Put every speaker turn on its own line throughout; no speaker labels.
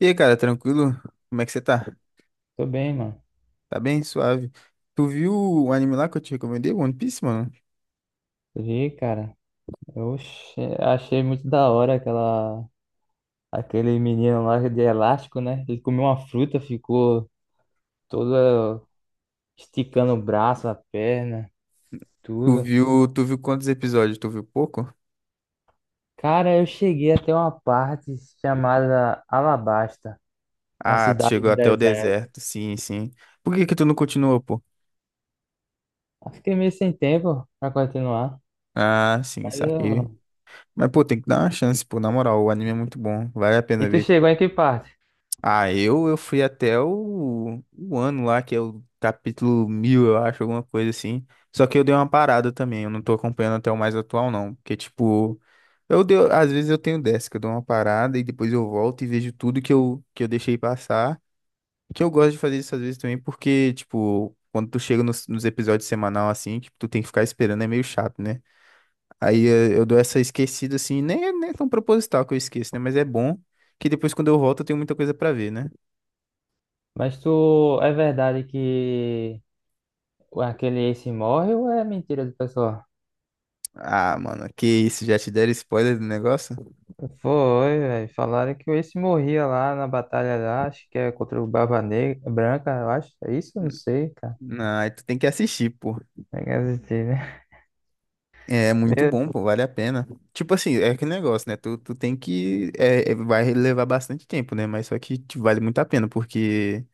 E aí, cara, tranquilo? Como é que você tá?
Tô bem, mano.
Tá bem? Suave. Tu viu o anime lá que eu te recomendei, One Piece, mano?
Vi, cara. Achei muito da hora aquele menino lá de elástico, né? Ele comeu uma fruta, ficou todo esticando o braço, a perna,
Tu
tudo.
viu, tu viu quantos episódios? Tu viu pouco?
Cara, eu cheguei até uma parte chamada Alabasta, uma
Ah, tu
cidade
chegou
no
até o
deserto.
deserto, sim, sim. Por que que tu não continuou, pô?
Eu fiquei meio sem tempo pra continuar.
Ah, sim,
Mas
saquei.
eu...
Mas, pô, tem que dar uma chance, pô, na moral, o anime é muito bom, vale a
E
pena
tu
ver.
chegou em que parte?
Ah, eu fui até o ano lá, que é o capítulo 1.000, eu acho, alguma coisa assim. Só que eu dei uma parada também, eu não tô acompanhando até o mais atual, não. Porque, tipo, eu deu, às vezes eu tenho dessa, que eu dou uma parada e depois eu volto e vejo tudo que que eu deixei passar. Que eu gosto de fazer isso às vezes também, porque, tipo, quando tu chega nos episódios semanal assim, que tu tem que ficar esperando, é meio chato, né? Aí eu dou essa esquecida assim, nem, nem é tão proposital que eu esqueço, né? Mas é bom que depois quando eu volto eu tenho muita coisa pra ver, né?
Mas tu... É verdade que aquele Ace morre ou é mentira do pessoal?
Ah, mano, que isso, já te deram spoiler do negócio?
Foi, velho. Falaram que o Ace morria lá na batalha lá, acho que é contra o Barba Negra, Branca, eu acho. É isso? Eu não sei, cara.
Não, aí tu tem que assistir, pô.
É que assistir, né?
É muito
Eu-
bom, pô, vale a pena. Tipo assim, é aquele negócio, né? Tu tem que. É, vai levar bastante tempo, né? Mas só que te vale muito a pena, porque.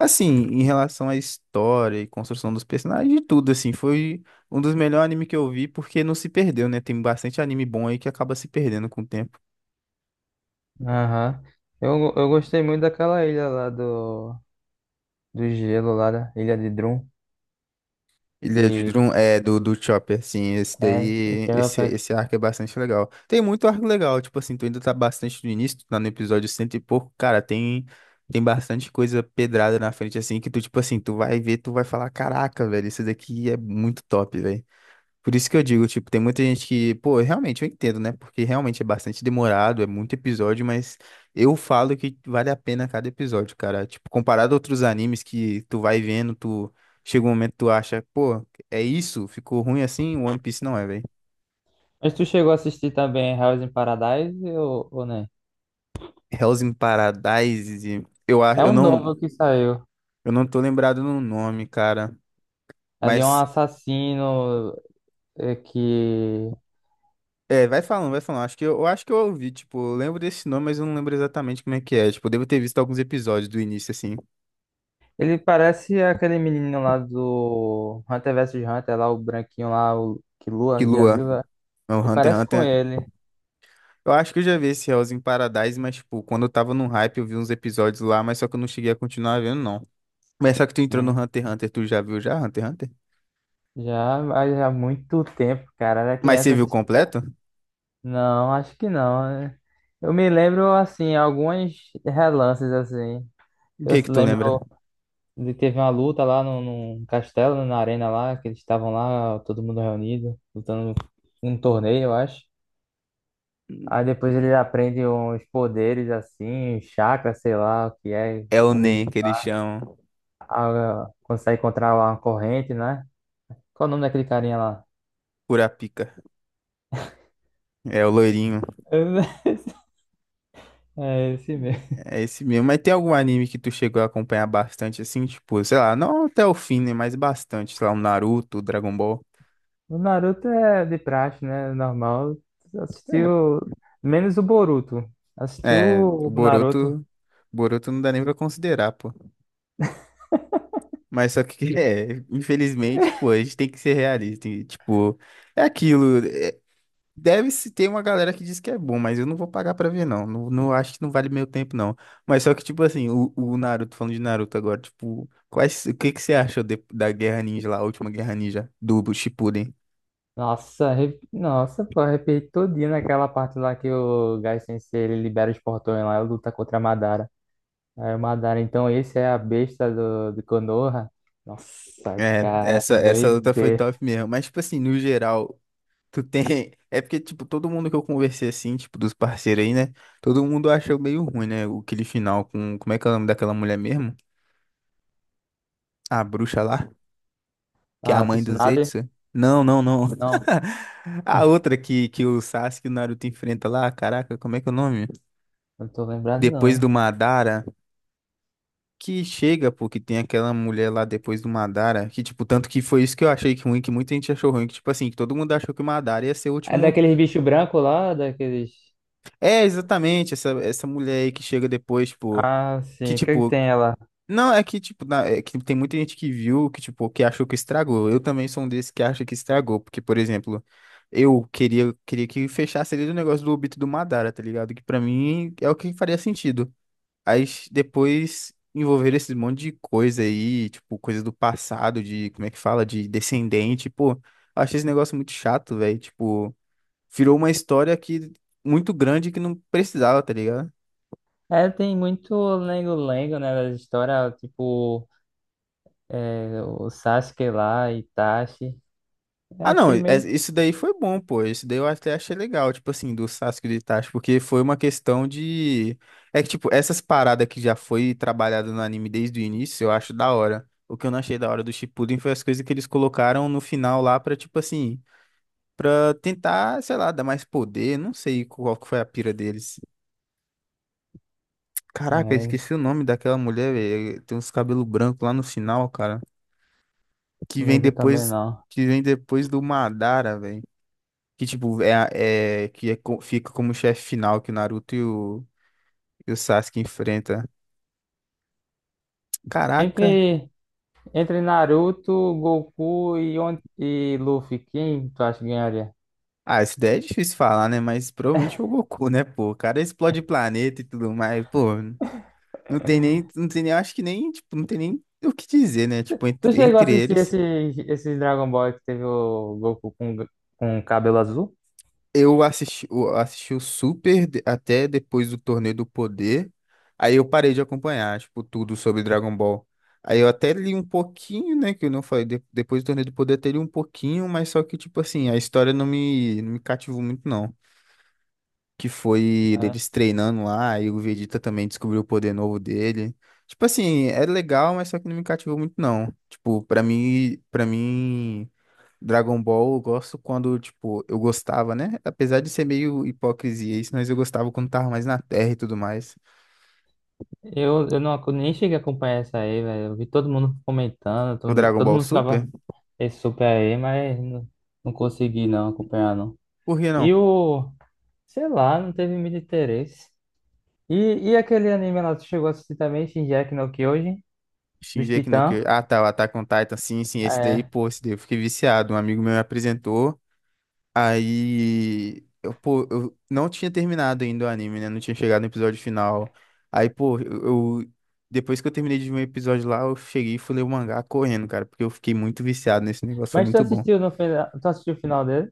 Assim, em relação à história e construção dos personagens, e tudo, assim, foi um dos melhores animes que eu vi, porque não se perdeu, né? Tem bastante anime bom aí que acaba se perdendo com o tempo.
Aham. Eu gostei muito daquela ilha lá do gelo, lá da Ilha de Drum,
Ilha de
que
Drum é do Chopper, assim, esse
é.
daí,
que é
esse,
pra-
esse arco é bastante legal. Tem muito arco legal, tipo assim, tu ainda tá bastante no início, tu tá no episódio cento e pouco, cara, tem bastante coisa pedrada na frente, assim, que tu, tipo assim, tu vai ver, tu vai falar, caraca, velho, isso daqui é muito top, velho. Por isso que eu digo, tipo, tem muita gente que, pô, realmente eu entendo, né? Porque realmente é bastante demorado, é muito episódio, mas eu falo que vale a pena cada episódio, cara. Tipo, comparado a outros animes que tu vai vendo, tu chega um momento que tu acha, pô, é isso? Ficou ruim assim? O One Piece não é, velho.
Mas tu chegou a assistir também House in Paradise ou nem...
Hell's in Paradise, e eu acho,
É
eu
um
não,
novo que saiu.
eu não tô lembrado no nome, cara,
É de um
mas
assassino é, que...
é, vai falando, vai falando. Acho que eu acho que eu ouvi, tipo, eu lembro desse nome, mas eu não lembro exatamente como é que é. Tipo, eu devo ter visto alguns episódios do início assim.
Ele parece aquele menino lá do Hunter vs Hunter, lá o branquinho lá, o que
Que
Lua, já
Lua.
viu, velho?
É O
Ele
Hunter x
parece com
Hunter.
ele.
Eu acho que eu já vi esse Hell's in Paradise, mas, tipo, quando eu tava no hype, eu vi uns episódios lá, mas só que eu não cheguei a continuar vendo, não. Mas só que tu entrou no
Hum.
Hunter x Hunter, tu já viu já Hunter x Hunter?
Já, mas há muito tempo, cara. Era
Mas você
criança,
viu
assistia.
completo?
Não, acho que não, né? Eu me lembro, assim, alguns relances, assim.
O
Eu
que
se
que tu
lembro
lembra?
de teve uma luta lá no, num castelo, né, na arena lá, que eles estavam lá, todo mundo reunido, lutando num torneio, eu acho. Aí depois ele aprende uns poderes assim, um chakra, sei lá o que é.
É o
O
Nen,
menino,
que eles chamam.
ah, consegue controlar uma corrente, né? Qual o nome daquele carinha lá?
Kurapika. É o loirinho.
É esse mesmo.
É esse mesmo. Mas tem algum anime que tu chegou a acompanhar bastante, assim? Tipo, sei lá, não até o fim, né? Mas bastante. Sei lá, o Naruto, o Dragon Ball.
O Naruto é de praxe, né? Normal. Assistiu. Menos o Boruto. Assistiu
É, o
o Naruto.
Boruto. Boruto não dá nem pra considerar, pô. Mas só que, infelizmente, pô, a gente tem que ser realista. E, tipo, é aquilo. Deve-se ter uma galera que diz que é bom, mas eu não vou pagar pra ver, não. Não, não acho que não vale meu tempo, não. Mas só que, tipo assim, o Naruto, falando de Naruto agora, tipo, o que que você achou da Guerra Ninja lá, a última Guerra Ninja do Shippuden?
Nossa, pô, arrepiei todinho naquela parte lá que o Gai Sensei ele libera os portões lá e luta contra a Madara. É, Madara, então esse é a besta de Konoha? Nossa,
É,
cara,
essa luta foi
doideira.
top mesmo. Mas, tipo assim, no geral, tu tem. É porque, tipo, todo mundo que eu conversei assim, tipo, dos parceiros aí, né? Todo mundo achou meio ruim, né? Aquele final com. Como é que é o nome daquela mulher mesmo? A bruxa lá, que é a
Ah,
mãe do
Tsunade?
Zetsu. Não, não, não.
Não,
A outra que o Sasuke e o Naruto enfrenta lá, caraca, como é que é o nome?
não tô lembrado, não.
Depois do Madara. Que chega, pô, que tem aquela mulher lá depois do Madara. Que, tipo, tanto que foi isso que eu achei que ruim, que muita gente achou ruim. Que, tipo assim, que todo mundo achou que o Madara ia ser o
É
último.
daqueles bichos brancos lá, daqueles...
É, exatamente, essa mulher aí que chega depois, tipo.
Ah,
Que,
sim, o que é que
tipo,
tem ela?
não, é que, tipo, é que tem muita gente que viu que, tipo, que achou que estragou. Eu também sou um desses que acha que estragou, porque, por exemplo, eu queria, que fechasse ali o negócio do Obito do Madara, tá ligado? Que pra mim é o que faria sentido. Aí depois envolver esse monte de coisa aí, tipo, coisa do passado, de, como é que fala, de descendente, pô, eu achei esse negócio muito chato, velho. Tipo, virou uma história que muito grande que não precisava, tá ligado?
É, tem muito lengo-lengo, né, das histórias, tipo, é, o Sasuke lá, Itachi. Eu
Ah, não,
achei meio...
isso daí foi bom, pô. Isso daí eu até achei legal, tipo assim, do Sasuke e do Itachi, porque foi uma questão de. É que, tipo, essas paradas que já foi trabalhada no anime desde o início, eu acho da hora. O que eu não achei da hora do Shippuden foi as coisas que eles colocaram no final lá pra, tipo assim, pra tentar, sei lá, dar mais poder. Não sei qual que foi a pira deles.
Não,
Caraca, eu
é,
esqueci o nome daquela mulher, velho. Tem uns cabelos brancos lá no final, cara. Que
não
vem
lembro também,
depois,
não.
que vem depois do Madara, velho. Que, tipo, é, que é fica como chefe final que o Naruto e e o Sasuke enfrenta. Caraca.
Entre, entre Naruto, Goku e, On- e Luffy, quem tu acha que ganharia?
Ah, isso daí é difícil falar, né? Mas provavelmente é o Goku, né, pô? O cara explode planeta e tudo mais. Pô, não tem nem, acho que nem, tipo, não tem nem o que dizer, né? Tipo,
Tu
entre,
chegou a
entre
assistir
eles.
esse, esse Dragon Ball que teve o Goku com cabelo azul?
Eu assisti o Super até depois do Torneio do Poder. Aí eu parei de acompanhar, tipo, tudo sobre Dragon Ball. Aí eu até li um pouquinho, né? Que eu não falei. Depois do Torneio do Poder, até li um pouquinho, mas só que, tipo assim, a história não me cativou muito, não. Que foi
É.
deles treinando lá, e o Vegeta também descobriu o poder novo dele. Tipo assim, é legal, mas só que não me cativou muito, não. Tipo, pra mim, pra mim. Dragon Ball eu gosto quando, tipo, eu gostava, né? Apesar de ser meio hipocrisia isso, mas eu gostava quando tava mais na Terra e tudo mais.
Eu não, ac- nem cheguei a acompanhar isso aí, velho. Eu vi todo mundo comentando,
O
todo,
Dragon
todo
Ball
mundo
Super?
ficava esse super aí, mas não, não consegui não acompanhar, não.
Por que
E
não?
o, sei lá, não teve muito interesse. E, e aquele anime lá, tu chegou a assistir também, Shingeki no Kyojin, dos
Shingeki no
Titãs?
Kyojin. Ah, tá, o Attack on Titan, sim, sim, esse daí,
É.
pô, esse daí eu fiquei viciado. Um amigo meu me apresentou, aí, eu, pô, eu não tinha terminado ainda o anime, né? Não tinha chegado no episódio final. Aí, pô, depois que eu terminei de ver o episódio lá, eu cheguei e fui ler o mangá correndo, cara, porque eu fiquei muito viciado nesse negócio, foi
Mas tu
muito bom.
assistiu no final, tu assistiu o final dele?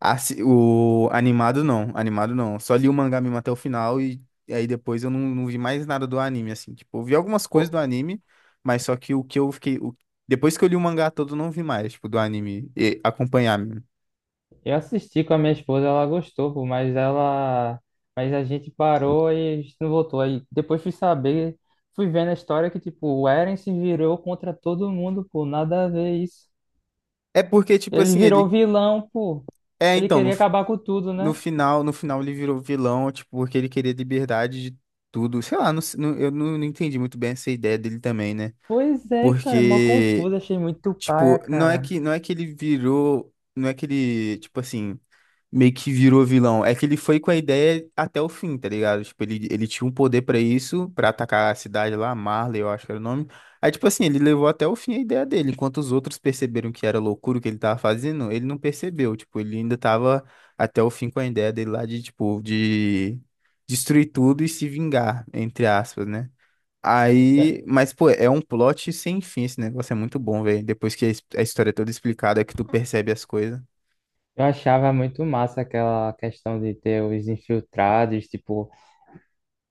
O animado não, animado não. Só li o mangá mesmo até o final e aí depois eu não, vi mais nada do anime, assim. Tipo, eu vi algumas coisas do
Pô,
anime, mas só que o que eu fiquei. Depois que eu li o mangá todo, eu não vi mais, tipo, do anime e acompanhar mesmo.
eu assisti com a minha esposa, ela gostou, pô, mas ela... Mas a gente parou e a gente não voltou. Aí depois fui saber, fui vendo a história que, tipo, o Eren se virou contra todo mundo, pô, nada a ver isso.
É porque, tipo
Ele
assim,
virou
ele.
vilão, pô.
É,
Ele
então, no,
queria
f-
acabar com tudo,
no
né?
final, no final ele virou vilão, tipo, porque ele queria liberdade de tudo. Sei lá, eu não entendi muito bem essa ideia dele também, né?
Pois é, cara, mó
Porque,
confuso, achei muito paia,
tipo, não é
cara.
que, não é que ele virou. Não é que ele, tipo assim, meio que virou vilão. É que ele foi com a ideia até o fim, tá ligado? Tipo, ele tinha um poder pra isso, pra atacar a cidade lá, Marley, eu acho que era o nome. Aí, tipo assim, ele levou até o fim a ideia dele. Enquanto os outros perceberam que era loucura o que ele tava fazendo, ele não percebeu. Tipo, ele ainda tava até o fim com a ideia dele lá de, tipo, de destruir tudo e se vingar, entre aspas, né?
Eu
Aí, mas pô, é um plot sem fim, esse negócio é muito bom, velho. Depois que a história é toda explicada, é que tu percebe as coisas.
eu achava muito massa aquela questão de ter os infiltrados, tipo,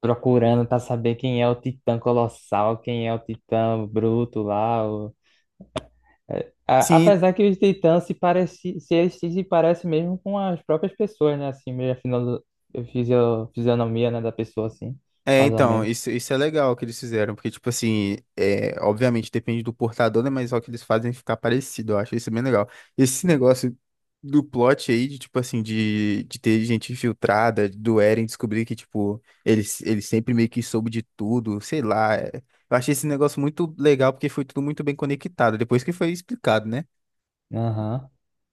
procurando pra saber quem é o Titã Colossal, quem é o Titã Bruto lá. A-
Sim.
Apesar que os titãs se parecem, se eles se parecem mesmo com as próprias pessoas, né? Assim, meio a fisionomia, né, da pessoa, assim,
É,
mais ou
então,
menos.
isso é legal que eles fizeram, porque, tipo assim, é, obviamente depende do portador, né? Mas só que eles fazem ficar parecido, eu acho isso bem legal. Esse negócio do plot aí, de, tipo assim, de ter gente infiltrada, do Eren descobrir que, tipo, ele sempre meio que soube de tudo, sei lá. Eu achei esse negócio muito legal, porque foi tudo muito bem conectado, depois que foi explicado, né?
Aham.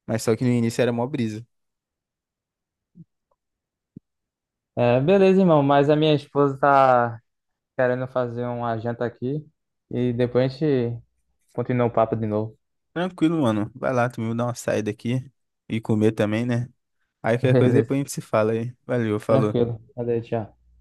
Mas só que no início era mó brisa.
É, beleza, irmão, mas a minha esposa tá querendo fazer uma janta aqui e depois a gente continua o papo de novo.
Tranquilo, mano. Vai lá, tu me dá uma saída aqui e comer também, né? Aí qualquer coisa
Beleza,
depois a gente se fala aí. Valeu, falou.
tranquilo. Valeu, tchau.